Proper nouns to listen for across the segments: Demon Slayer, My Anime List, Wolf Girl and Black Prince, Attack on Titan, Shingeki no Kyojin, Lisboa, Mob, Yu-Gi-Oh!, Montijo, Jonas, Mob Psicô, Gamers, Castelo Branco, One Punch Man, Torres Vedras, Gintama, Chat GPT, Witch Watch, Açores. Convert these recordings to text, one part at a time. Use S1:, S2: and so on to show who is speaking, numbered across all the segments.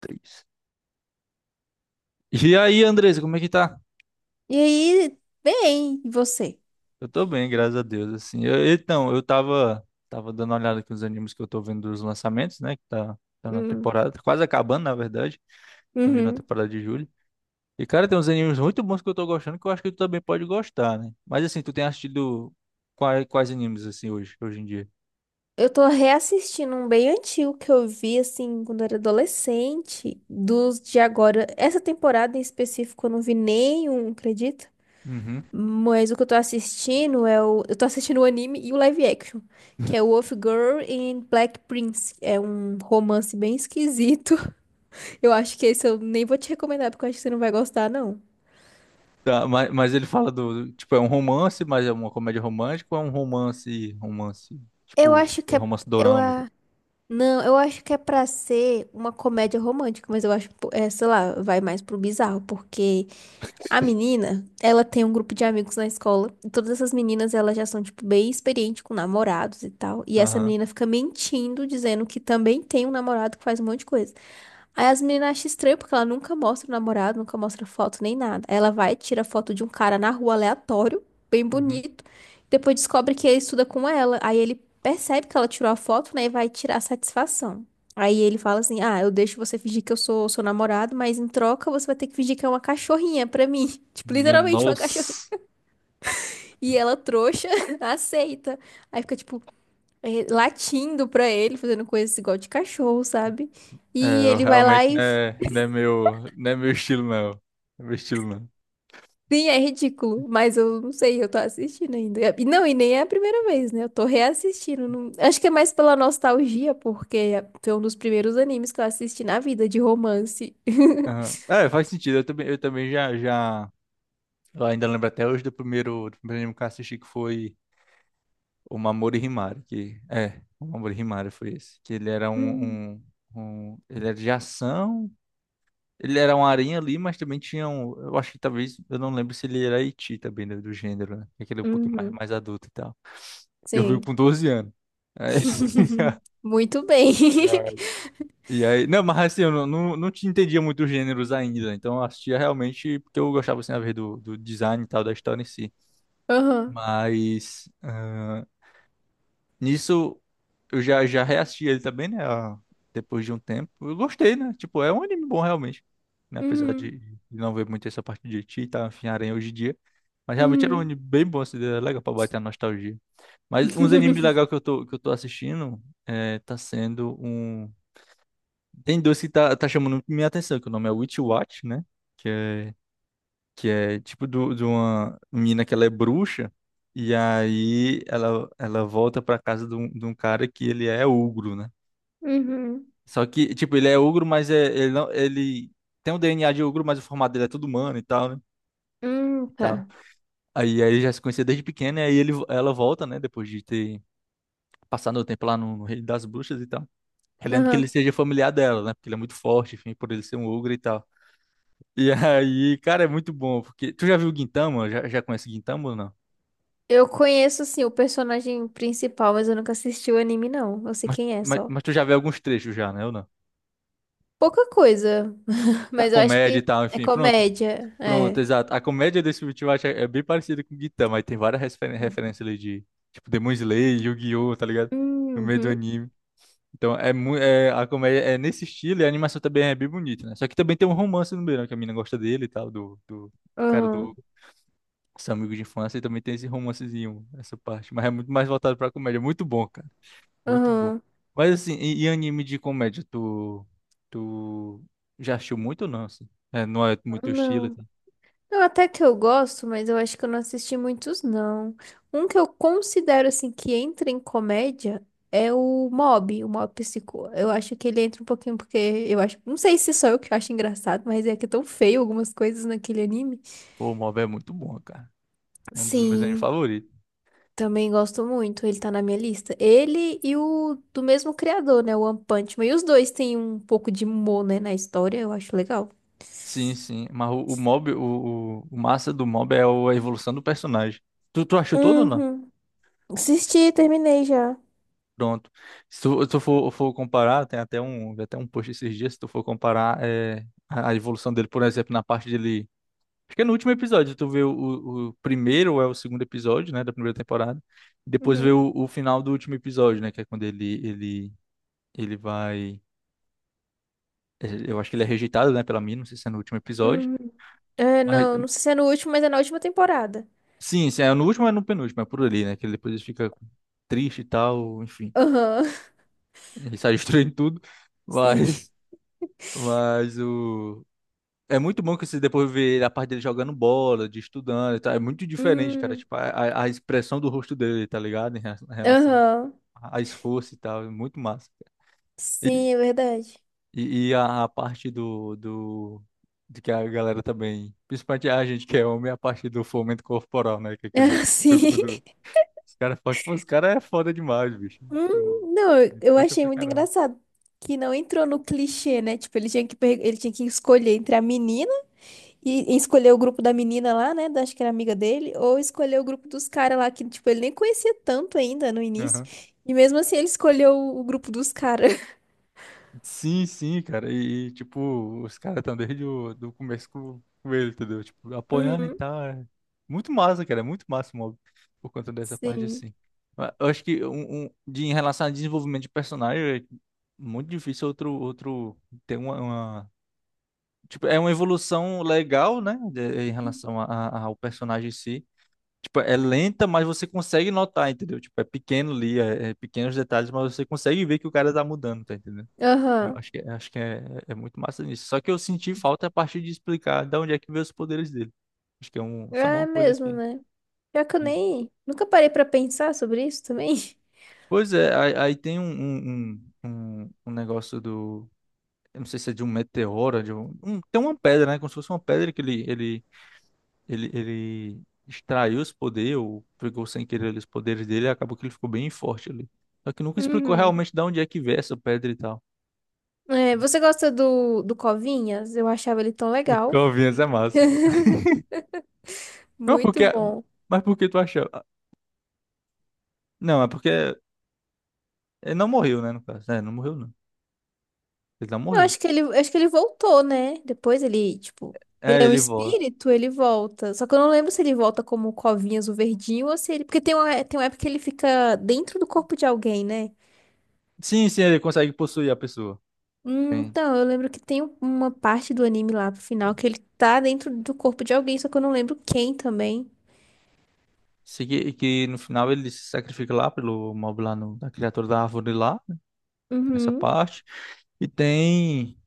S1: Três. E aí, Andresa, como é que tá?
S2: E aí, bem, e você?
S1: Eu tô bem, graças a Deus, assim. Então, eu tava, dando uma olhada aqui nos animes que eu tô vendo dos lançamentos, né? Tá na
S2: Hum,
S1: temporada, tá quase acabando, na verdade. Tô vindo na
S2: uhum.
S1: temporada de julho. E, cara, tem uns animes muito bons que eu tô gostando que eu acho que tu também pode gostar, né? Mas, assim, tu tem assistido quais animes, assim, hoje em dia?
S2: Eu tô reassistindo um bem antigo que eu vi, assim, quando eu era adolescente, dos de agora. Essa temporada em específico eu não vi nenhum, acredita?
S1: Uhum.
S2: Mas o que eu tô assistindo é o... Eu tô assistindo o anime e o live action, que é Wolf Girl and Black Prince. É um romance bem esquisito. Eu acho que esse eu nem vou te recomendar, porque eu acho que você não vai gostar, não.
S1: Tá, mas ele fala do, tipo, é um romance, mas é uma comédia romântica ou é um romance,
S2: Eu
S1: tipo,
S2: acho
S1: é
S2: que é...
S1: romance
S2: Eu,
S1: dorama e tal?
S2: ah, Não, eu acho que é pra ser uma comédia romântica, mas eu acho, pô, é, sei lá, vai mais pro bizarro, porque a menina, ela tem um grupo de amigos na escola, e todas essas meninas, elas já são, tipo, bem experientes com namorados e tal, e essa
S1: Aham.
S2: menina fica mentindo, dizendo que também tem um namorado que faz um monte de coisa. Aí as meninas acham estranho porque ela nunca mostra o namorado, nunca mostra foto nem nada. Aí ela vai, tira foto de um cara na rua aleatório, bem
S1: Uhum.
S2: bonito. Depois descobre que ele estuda com ela. Aí ele percebe que ela tirou a foto, né? E vai tirar a satisfação. Aí ele fala assim: Ah, eu deixo você fingir que eu sou seu namorado, mas em troca você vai ter que fingir que é uma cachorrinha pra mim. Tipo,
S1: Minha
S2: literalmente uma cachorrinha.
S1: nossa.
S2: E ela, trouxa, aceita. Aí fica, tipo, latindo pra ele, fazendo coisas igual de cachorro, sabe?
S1: É,
S2: E
S1: eu
S2: ele vai lá
S1: realmente
S2: e
S1: não é meu, não é meu estilo, não. Não é meu estilo, não.
S2: sim, é ridículo, mas eu não sei, eu tô assistindo ainda. E não, e nem é a primeira vez, né? Eu tô reassistindo. Acho que é mais pela nostalgia, porque foi um dos primeiros animes que eu assisti na vida de romance.
S1: Aham. É, faz sentido. Eu também, eu também, já. Eu ainda lembro até hoje do primeiro anime que eu assisti, que foi O Mamoru Himari, que é, O Mamoru Himari foi esse. Que
S2: Hum,
S1: ele era de ação. Ele era um aranha ali, mas também tinha um. Eu acho que talvez. Eu não lembro se ele era Iti também, né, do gênero, né? Aquele um pouquinho mais,
S2: uhum.
S1: mais adulto e tal. Eu vi
S2: Sim.
S1: com 12 anos. Aí-
S2: Muito bem.
S1: E aí, e aí, não, mas assim, eu não, não, não te entendia muito os gêneros ainda, né, então eu assistia realmente porque eu gostava, assim, a ver do design e tal, da história em si.
S2: Aham.
S1: Mas, nisso, já reassisti ele também, né? Depois de um tempo. Eu gostei, né? Tipo, é um anime bom realmente. Né? Apesar
S2: Uhum.
S1: de não ver muito essa parte de ti e tá, enfim, aranha hoje em dia. Mas realmente era um
S2: Uhum.
S1: anime bem bom, assim, era legal pra bater a nostalgia. Mas uns animes legais que que eu tô assistindo é, tá sendo um. Tem dois que tá chamando muito minha atenção, que o nome é Witch Watch, né? que é que é tipo de uma menina que ela é bruxa, e aí ela volta pra casa de um cara que ele é ogro, né?
S2: Uhum.
S1: Só que, tipo, ele é ogro, mas é, ele, não, ele tem o DNA de ogro, mas o formato dele é todo humano e tal, né? E
S2: Uhum.
S1: tal.
S2: Tá.
S1: Aí já se conhecia desde pequeno, e aí ela volta, né? Depois de ter passado o tempo lá no Reino das Bruxas e tal. Querendo que ele
S2: Aham.
S1: seja familiar dela, né? Porque ele é muito forte, enfim, por ele ser um ogro e tal. E aí, cara, é muito bom, porque... Tu já viu o Gintama? Já conhece o Gintama ou não?
S2: Eu conheço, assim, o personagem principal, mas eu nunca assisti o anime, não. Eu sei quem é só.
S1: Mas tu já vê alguns trechos já, né? Ou não?
S2: Pouca coisa,
S1: Da
S2: mas eu acho
S1: comédia e
S2: que
S1: tal,
S2: é
S1: enfim, pronto.
S2: comédia,
S1: Pronto,
S2: é.
S1: exato. A comédia desse último acho, é bem parecida com o Gintama, aí tem várias referências ali de, tipo, Demon Slayer, Yu-Gi-Oh!, tá ligado? No meio do
S2: Uhum,
S1: anime. Então, é, a comédia é nesse estilo e a animação também é bem bonita, né? Só que também tem um romance no meio, né? Que a mina gosta dele e tal, do cara do
S2: aham,
S1: seu amigo de infância, e também tem esse romancezinho, essa parte. Mas é muito mais voltado pra comédia. Muito bom, cara. Muito bom.
S2: aham,
S1: Mas assim, e anime de comédia, tu já assistiu muito ou não, assim? É, não é muito teu estilo,
S2: não.
S1: tá?
S2: Não, até que eu gosto, mas eu acho que eu não assisti muitos, não. Um que eu considero, assim, que entra em comédia é o Mob Psicô. Eu acho que ele entra um pouquinho porque eu acho... Não sei se sou eu que acho engraçado, mas é que é tão feio algumas coisas naquele anime.
S1: Pô, o Mob é muito bom, cara. É um dos meus animes
S2: Sim,
S1: favoritos.
S2: também gosto muito, ele tá na minha lista. Ele e o do mesmo criador, né? O One Punch Man. E os dois têm um pouco de humor, né, na história, eu acho legal.
S1: Sim, sim. Mas o massa do Mob é a evolução do personagem. Tu achou todo ou não?
S2: Uhum. Assisti, terminei já.
S1: Pronto. Se se tu for comparar, tem até um, vi até um post esses dias, se tu for comparar é, a evolução dele, por exemplo, na parte dele. Acho que é no último episódio, tu vê o primeiro ou é o segundo episódio, né, da primeira temporada. Depois vê
S2: Uhum,
S1: o final do último episódio, né, que é quando ele vai... é, eu acho que ele é rejeitado, né, pela mina, não sei se é no último episódio.
S2: uhum. É,
S1: Mas,
S2: não, não sei se é no último, mas é na última temporada.
S1: sim, sim, é no último ou é no penúltimo, é por ali, né, que ele depois ele fica triste e tal, enfim.
S2: Aham,
S1: Ele sai destruindo tudo,
S2: sim.
S1: mas... Mas o... É muito bom que você depois vê a parte dele jogando bola, de estudando e tal. É muito diferente, cara.
S2: Hum,
S1: Tipo, a expressão do rosto dele, tá ligado? Em relação
S2: aham.
S1: a esforço e tal, é muito massa. E,
S2: Sim, é verdade.
S1: e a parte de que a galera também, principalmente a gente que é homem, a parte do fomento corporal, né? Que é aquele
S2: sim.
S1: grupo do. Os caras fortes, pô, os caras é foda demais, bicho. Eu,
S2: Não, eu
S1: eu
S2: eu
S1: gosto
S2: achei
S1: pra
S2: muito
S1: caramba.
S2: engraçado. Que não entrou no clichê, né? Tipo, ele tinha que escolher entre a menina e escolher o grupo da menina lá, né? Acho que era amiga dele, ou escolher o grupo dos caras lá, que, tipo, ele nem conhecia tanto ainda no início. E mesmo assim ele escolheu o grupo dos caras.
S1: Sim, sim, cara. Tipo, os caras estão desde o do começo com ele, entendeu? Tipo, apoiando e
S2: Uhum.
S1: tal. É Muito massa, cara. É muito massa o mob por conta dessa parte
S2: Sim.
S1: assim. Mas eu acho que de, em relação a desenvolvimento de personagem, é muito difícil outro ter uma. Tipo, é uma evolução legal, né? Em relação a, ao personagem em si. Tipo, é lenta, mas você consegue notar, entendeu? Tipo, é pequeno ali, é pequenos detalhes, mas você consegue ver que o cara tá mudando, tá entendendo? Eu
S2: Aham.
S1: acho que, é, é muito massa nisso. Só que eu senti falta a partir de explicar de onde é que veio os poderes dele. Acho que é um, só uma
S2: É
S1: coisa
S2: mesmo,
S1: que.
S2: né? Pior que eu
S1: que-
S2: nem. Nunca parei pra pensar sobre isso também.
S1: Pois é, aí tem um negócio do. Eu não sei se é de um meteoro, tem uma pedra, né? Como se fosse uma pedra que ele extraiu os poderes, ou pegou sem querer ali os poderes dele, e acabou que ele ficou bem forte ali. Só que nunca explicou
S2: Uhum.
S1: realmente de onde é que veio essa pedra e tal.
S2: É, você gosta do, Covinhas? Eu achava ele tão
S1: O
S2: legal.
S1: Calvinhas é massa, pô. Mas porque,
S2: Muito bom.
S1: mas porque tu acha. Não, é porque. Ele não morreu, né, no caso. É, não morreu, não. Ele não
S2: Eu
S1: morreu.
S2: acho que ele, eu acho que ele voltou, né? Depois ele, tipo, ele
S1: É,
S2: é um
S1: ele volta.
S2: espírito, ele volta. Só que eu não lembro se ele volta como Covinhas, o verdinho, ou se ele. Porque tem uma época que ele fica dentro do corpo de alguém, né?
S1: Sim, sim, ele consegue possuir a pessoa. Sim.
S2: Então, eu lembro que tem uma parte do anime lá pro final que ele tá dentro do corpo de alguém, só que eu não lembro quem também.
S1: Se que, que no final ele se sacrifica lá pelo mob lá no, da criatura da árvore lá, né, tem essa
S2: Uhum.
S1: parte. E tem.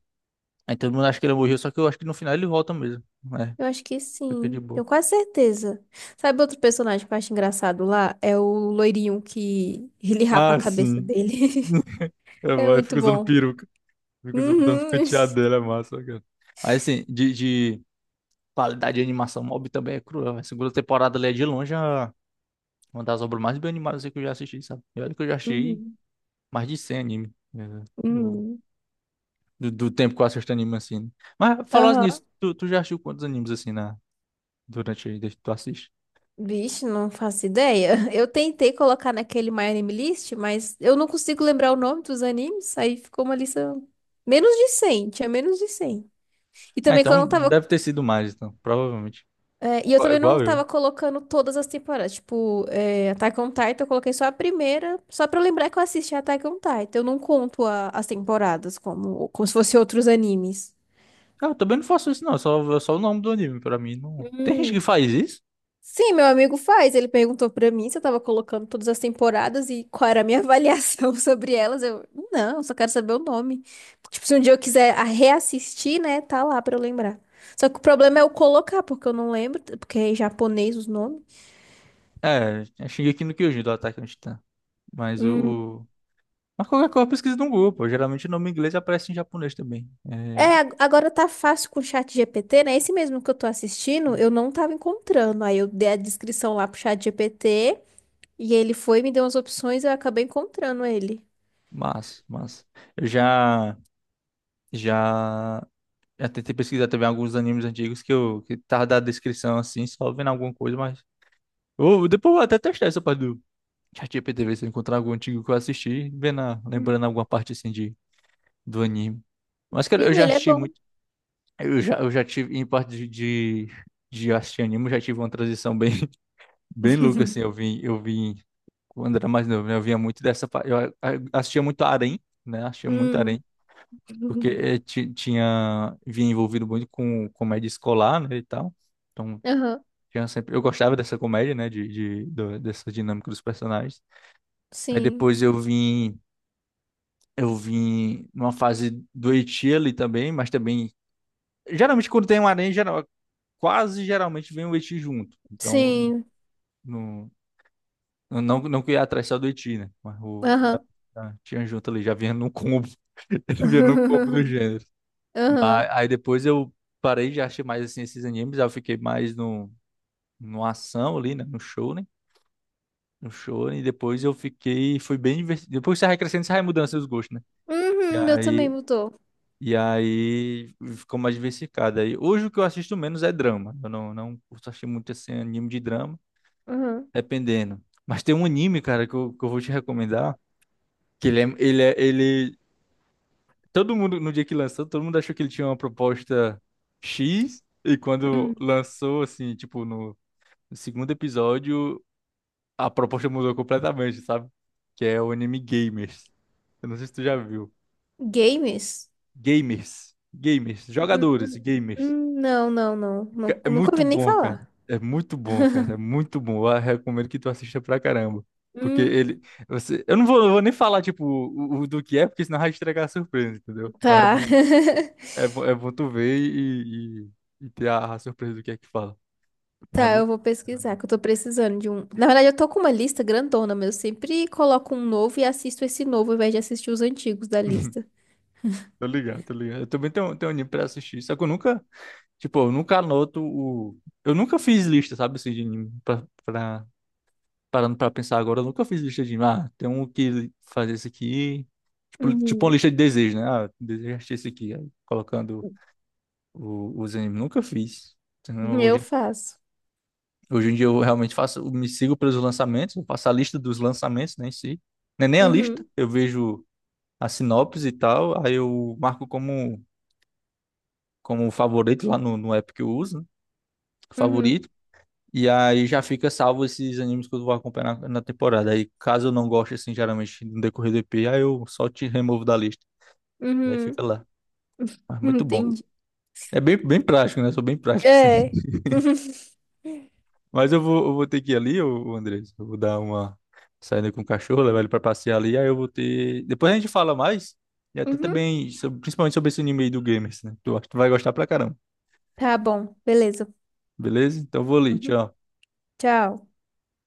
S1: Aí todo mundo acha que ele morreu, só que eu acho que no final ele volta mesmo. É,
S2: Eu acho que
S1: fica de
S2: sim. Tenho
S1: boa.
S2: quase certeza. Sabe outro personagem que eu acho engraçado lá? É o loirinho que ele rapa a
S1: Ah,
S2: cabeça
S1: sim.
S2: dele.
S1: É
S2: É
S1: bom, ele
S2: muito
S1: fica usando
S2: bom.
S1: peruca. Fica usando botando os
S2: Uhum.
S1: penteados dele, é massa, cara. Mas assim, de qualidade de animação, Mob também é cruel. A segunda temporada ali é de longe a uma das obras mais bem animadas que eu já assisti, sabe? E olha que eu já assisti
S2: Uhum.
S1: mais de 100 anime. Né, Do,
S2: Uhum.
S1: do tempo que eu assisto anime, assim. Né? Mas, falando nisso,
S2: Aham.
S1: tu já assistiu quantos animes, assim, na, durante aí, desde que tu assiste?
S2: Vixe, não faço ideia. Eu tentei colocar naquele My Anime List, mas eu não consigo lembrar o nome dos animes, aí ficou uma lista menos de 100, tinha menos de 100. E
S1: Ah,
S2: também que eu
S1: então,
S2: não tava.
S1: deve ter sido mais, então. Provavelmente.
S2: É, e eu
S1: Igual,
S2: também não
S1: igual eu.
S2: tava colocando todas as temporadas. Tipo, é, Attack on Titan, eu coloquei só a primeira, só pra eu lembrar que eu assisti Attack on Titan. Eu não conto as temporadas como, como se fossem outros animes.
S1: Ah, eu também não faço isso, não. É só o nome do anime, pra mim. Não... Tem gente que
S2: Hum.
S1: faz isso?
S2: Sim, meu amigo faz. Ele perguntou pra mim se eu tava colocando todas as temporadas e qual era a minha avaliação sobre elas. Eu, não, eu só quero saber o nome. Tipo, se um dia eu quiser reassistir, né, tá lá pra eu lembrar. Só que o problema é eu colocar, porque eu não lembro, porque é em japonês os nomes.
S1: É, é Shingeki no Kyojin, do Attack on Titan. Mas
S2: Hum.
S1: mas qualquer coisa pesquisa no Google, pô. Geralmente o nome em inglês aparece em japonês também.
S2: É,
S1: É...
S2: agora tá fácil com o chat GPT, né? Esse mesmo que eu tô assistindo, eu não tava encontrando. Aí eu dei a descrição lá pro chat GPT e ele foi, me deu umas opções e eu acabei encontrando ele.
S1: Mas, mas... eu já. Já, já tentei pesquisar também alguns animes antigos que eu que tava da descrição assim, só vendo alguma coisa, mas. Ou depois eu vou até testar essa parte do ChatGPT, ver se eu encontrar algum antigo que eu assisti, vendo,
S2: Hum.
S1: lembrando alguma parte assim de, do anime. Mas, cara, eu
S2: Sim,
S1: já
S2: ele é
S1: assisti
S2: bom.
S1: muito. Eu já tive, em parte de assistir anime, eu já tive uma transição bem, bem louca, assim. Eu vim, quando era mais novo, né? Eu vinha muito dessa. Assistia muito Harém, né? Assistia muito
S2: Hum.
S1: Harém. Porque tinha vinha envolvido muito com comédia escolar, né, e tal. Então,
S2: Aham,
S1: tinha sempre eu gostava dessa comédia, né, dessa dinâmica dos personagens. Aí
S2: sim,
S1: depois eu vim numa fase do Eti ali também, mas também geralmente quando tem um Arém, geral, quase geralmente vem o Eti junto. Então,
S2: sim,
S1: no, não não que eu ia atrás só do Eti, né, mas o
S2: aham.
S1: tinha junto ali, já vinha num combo, já vinha num combo do gênero. Mas,
S2: Aham.
S1: aí depois eu parei de assistir mais assim esses animes, aí eu fiquei mais no ação ali, né? No shonen, e depois eu fiquei, foi bem divertido. Depois que você vai crescendo, você vai mudando seus gostos, né? E
S2: Uhum, meu também
S1: aí,
S2: mudou.
S1: e aí ficou mais diversificado. Aí, hoje o que eu assisto menos é drama. Eu não, não curto assistir muito assim anime de drama,
S2: Aham.
S1: dependendo. Mas tem um anime, cara, que que eu vou te recomendar, que ele todo mundo, no dia que lançou, todo mundo achou que ele tinha uma proposta X, e quando
S2: Hum.
S1: lançou, assim, tipo, no segundo episódio, a proposta mudou completamente, sabe? Que é o anime Gamers. Eu não sei se tu já viu.
S2: Games?
S1: Gamers. Gamers.
S2: Hum,
S1: Jogadores,
S2: hum,
S1: gamers.
S2: Não, não, não,
S1: É
S2: Nunca
S1: muito
S2: ouvi nem
S1: bom, cara.
S2: falar.
S1: É muito bom, cara. É muito bom. Eu recomendo que tu assista pra caramba. Porque
S2: Hum,
S1: ele. Você, eu vou nem falar, tipo, o do que é, porque senão vai estragar a surpresa, entendeu? Mas é
S2: tá.
S1: bom. É, é bom tu ver e ter a surpresa do que é que fala. Mas é
S2: Tá, eu
S1: muito.
S2: vou pesquisar, que eu tô precisando de um. Na verdade, eu tô com uma lista grandona, mas eu sempre coloco um novo e assisto esse novo, ao invés de assistir os antigos da lista.
S1: Tô ligado, tô ligado. Eu também tenho, tenho anime pra assistir. Só que eu nunca, tipo, eu nunca anoto o. Eu nunca fiz lista, sabe, assim, de anime. Parando pra pensar agora, eu nunca fiz lista de anime. Ah, tem um que fazer esse aqui. Tipo, tipo uma
S2: Uhum.
S1: lista de desejos, né? Ah, desejo assistir esse aqui. Aí, colocando os animes. Nunca fiz. Então,
S2: Eu faço.
S1: hoje em dia eu realmente faço, eu me sigo pelos lançamentos, eu faço a lista dos lançamentos, nem sei. Não é nem a lista,
S2: Uhum,
S1: eu vejo a sinopse e tal, aí eu marco como, como favorito lá no app que eu uso, né?
S2: uhum,
S1: Favorito. E aí já fica salvo esses animes que eu vou acompanhar na, na temporada. Aí caso eu não goste, assim, geralmente no decorrer do EP, aí eu só te removo da lista. E aí fica
S2: uhum.
S1: lá. Mas muito bom.
S2: Entendi.
S1: É bem, bem prático, né? Sou bem prático, assim.
S2: É.
S1: Mas eu vou ter que ir ali, ô Andrés. Eu vou dar uma saída com o cachorro, levar ele pra passear ali. Aí eu vou ter. Depois a gente fala mais. E até
S2: Uhum.
S1: também, principalmente sobre esse anime aí do Gamers, né? Tu, acho que tu vai gostar pra caramba.
S2: Tá bom, beleza.
S1: Beleza? Então eu vou ali.
S2: Uhum.
S1: Tchau.
S2: Tchau.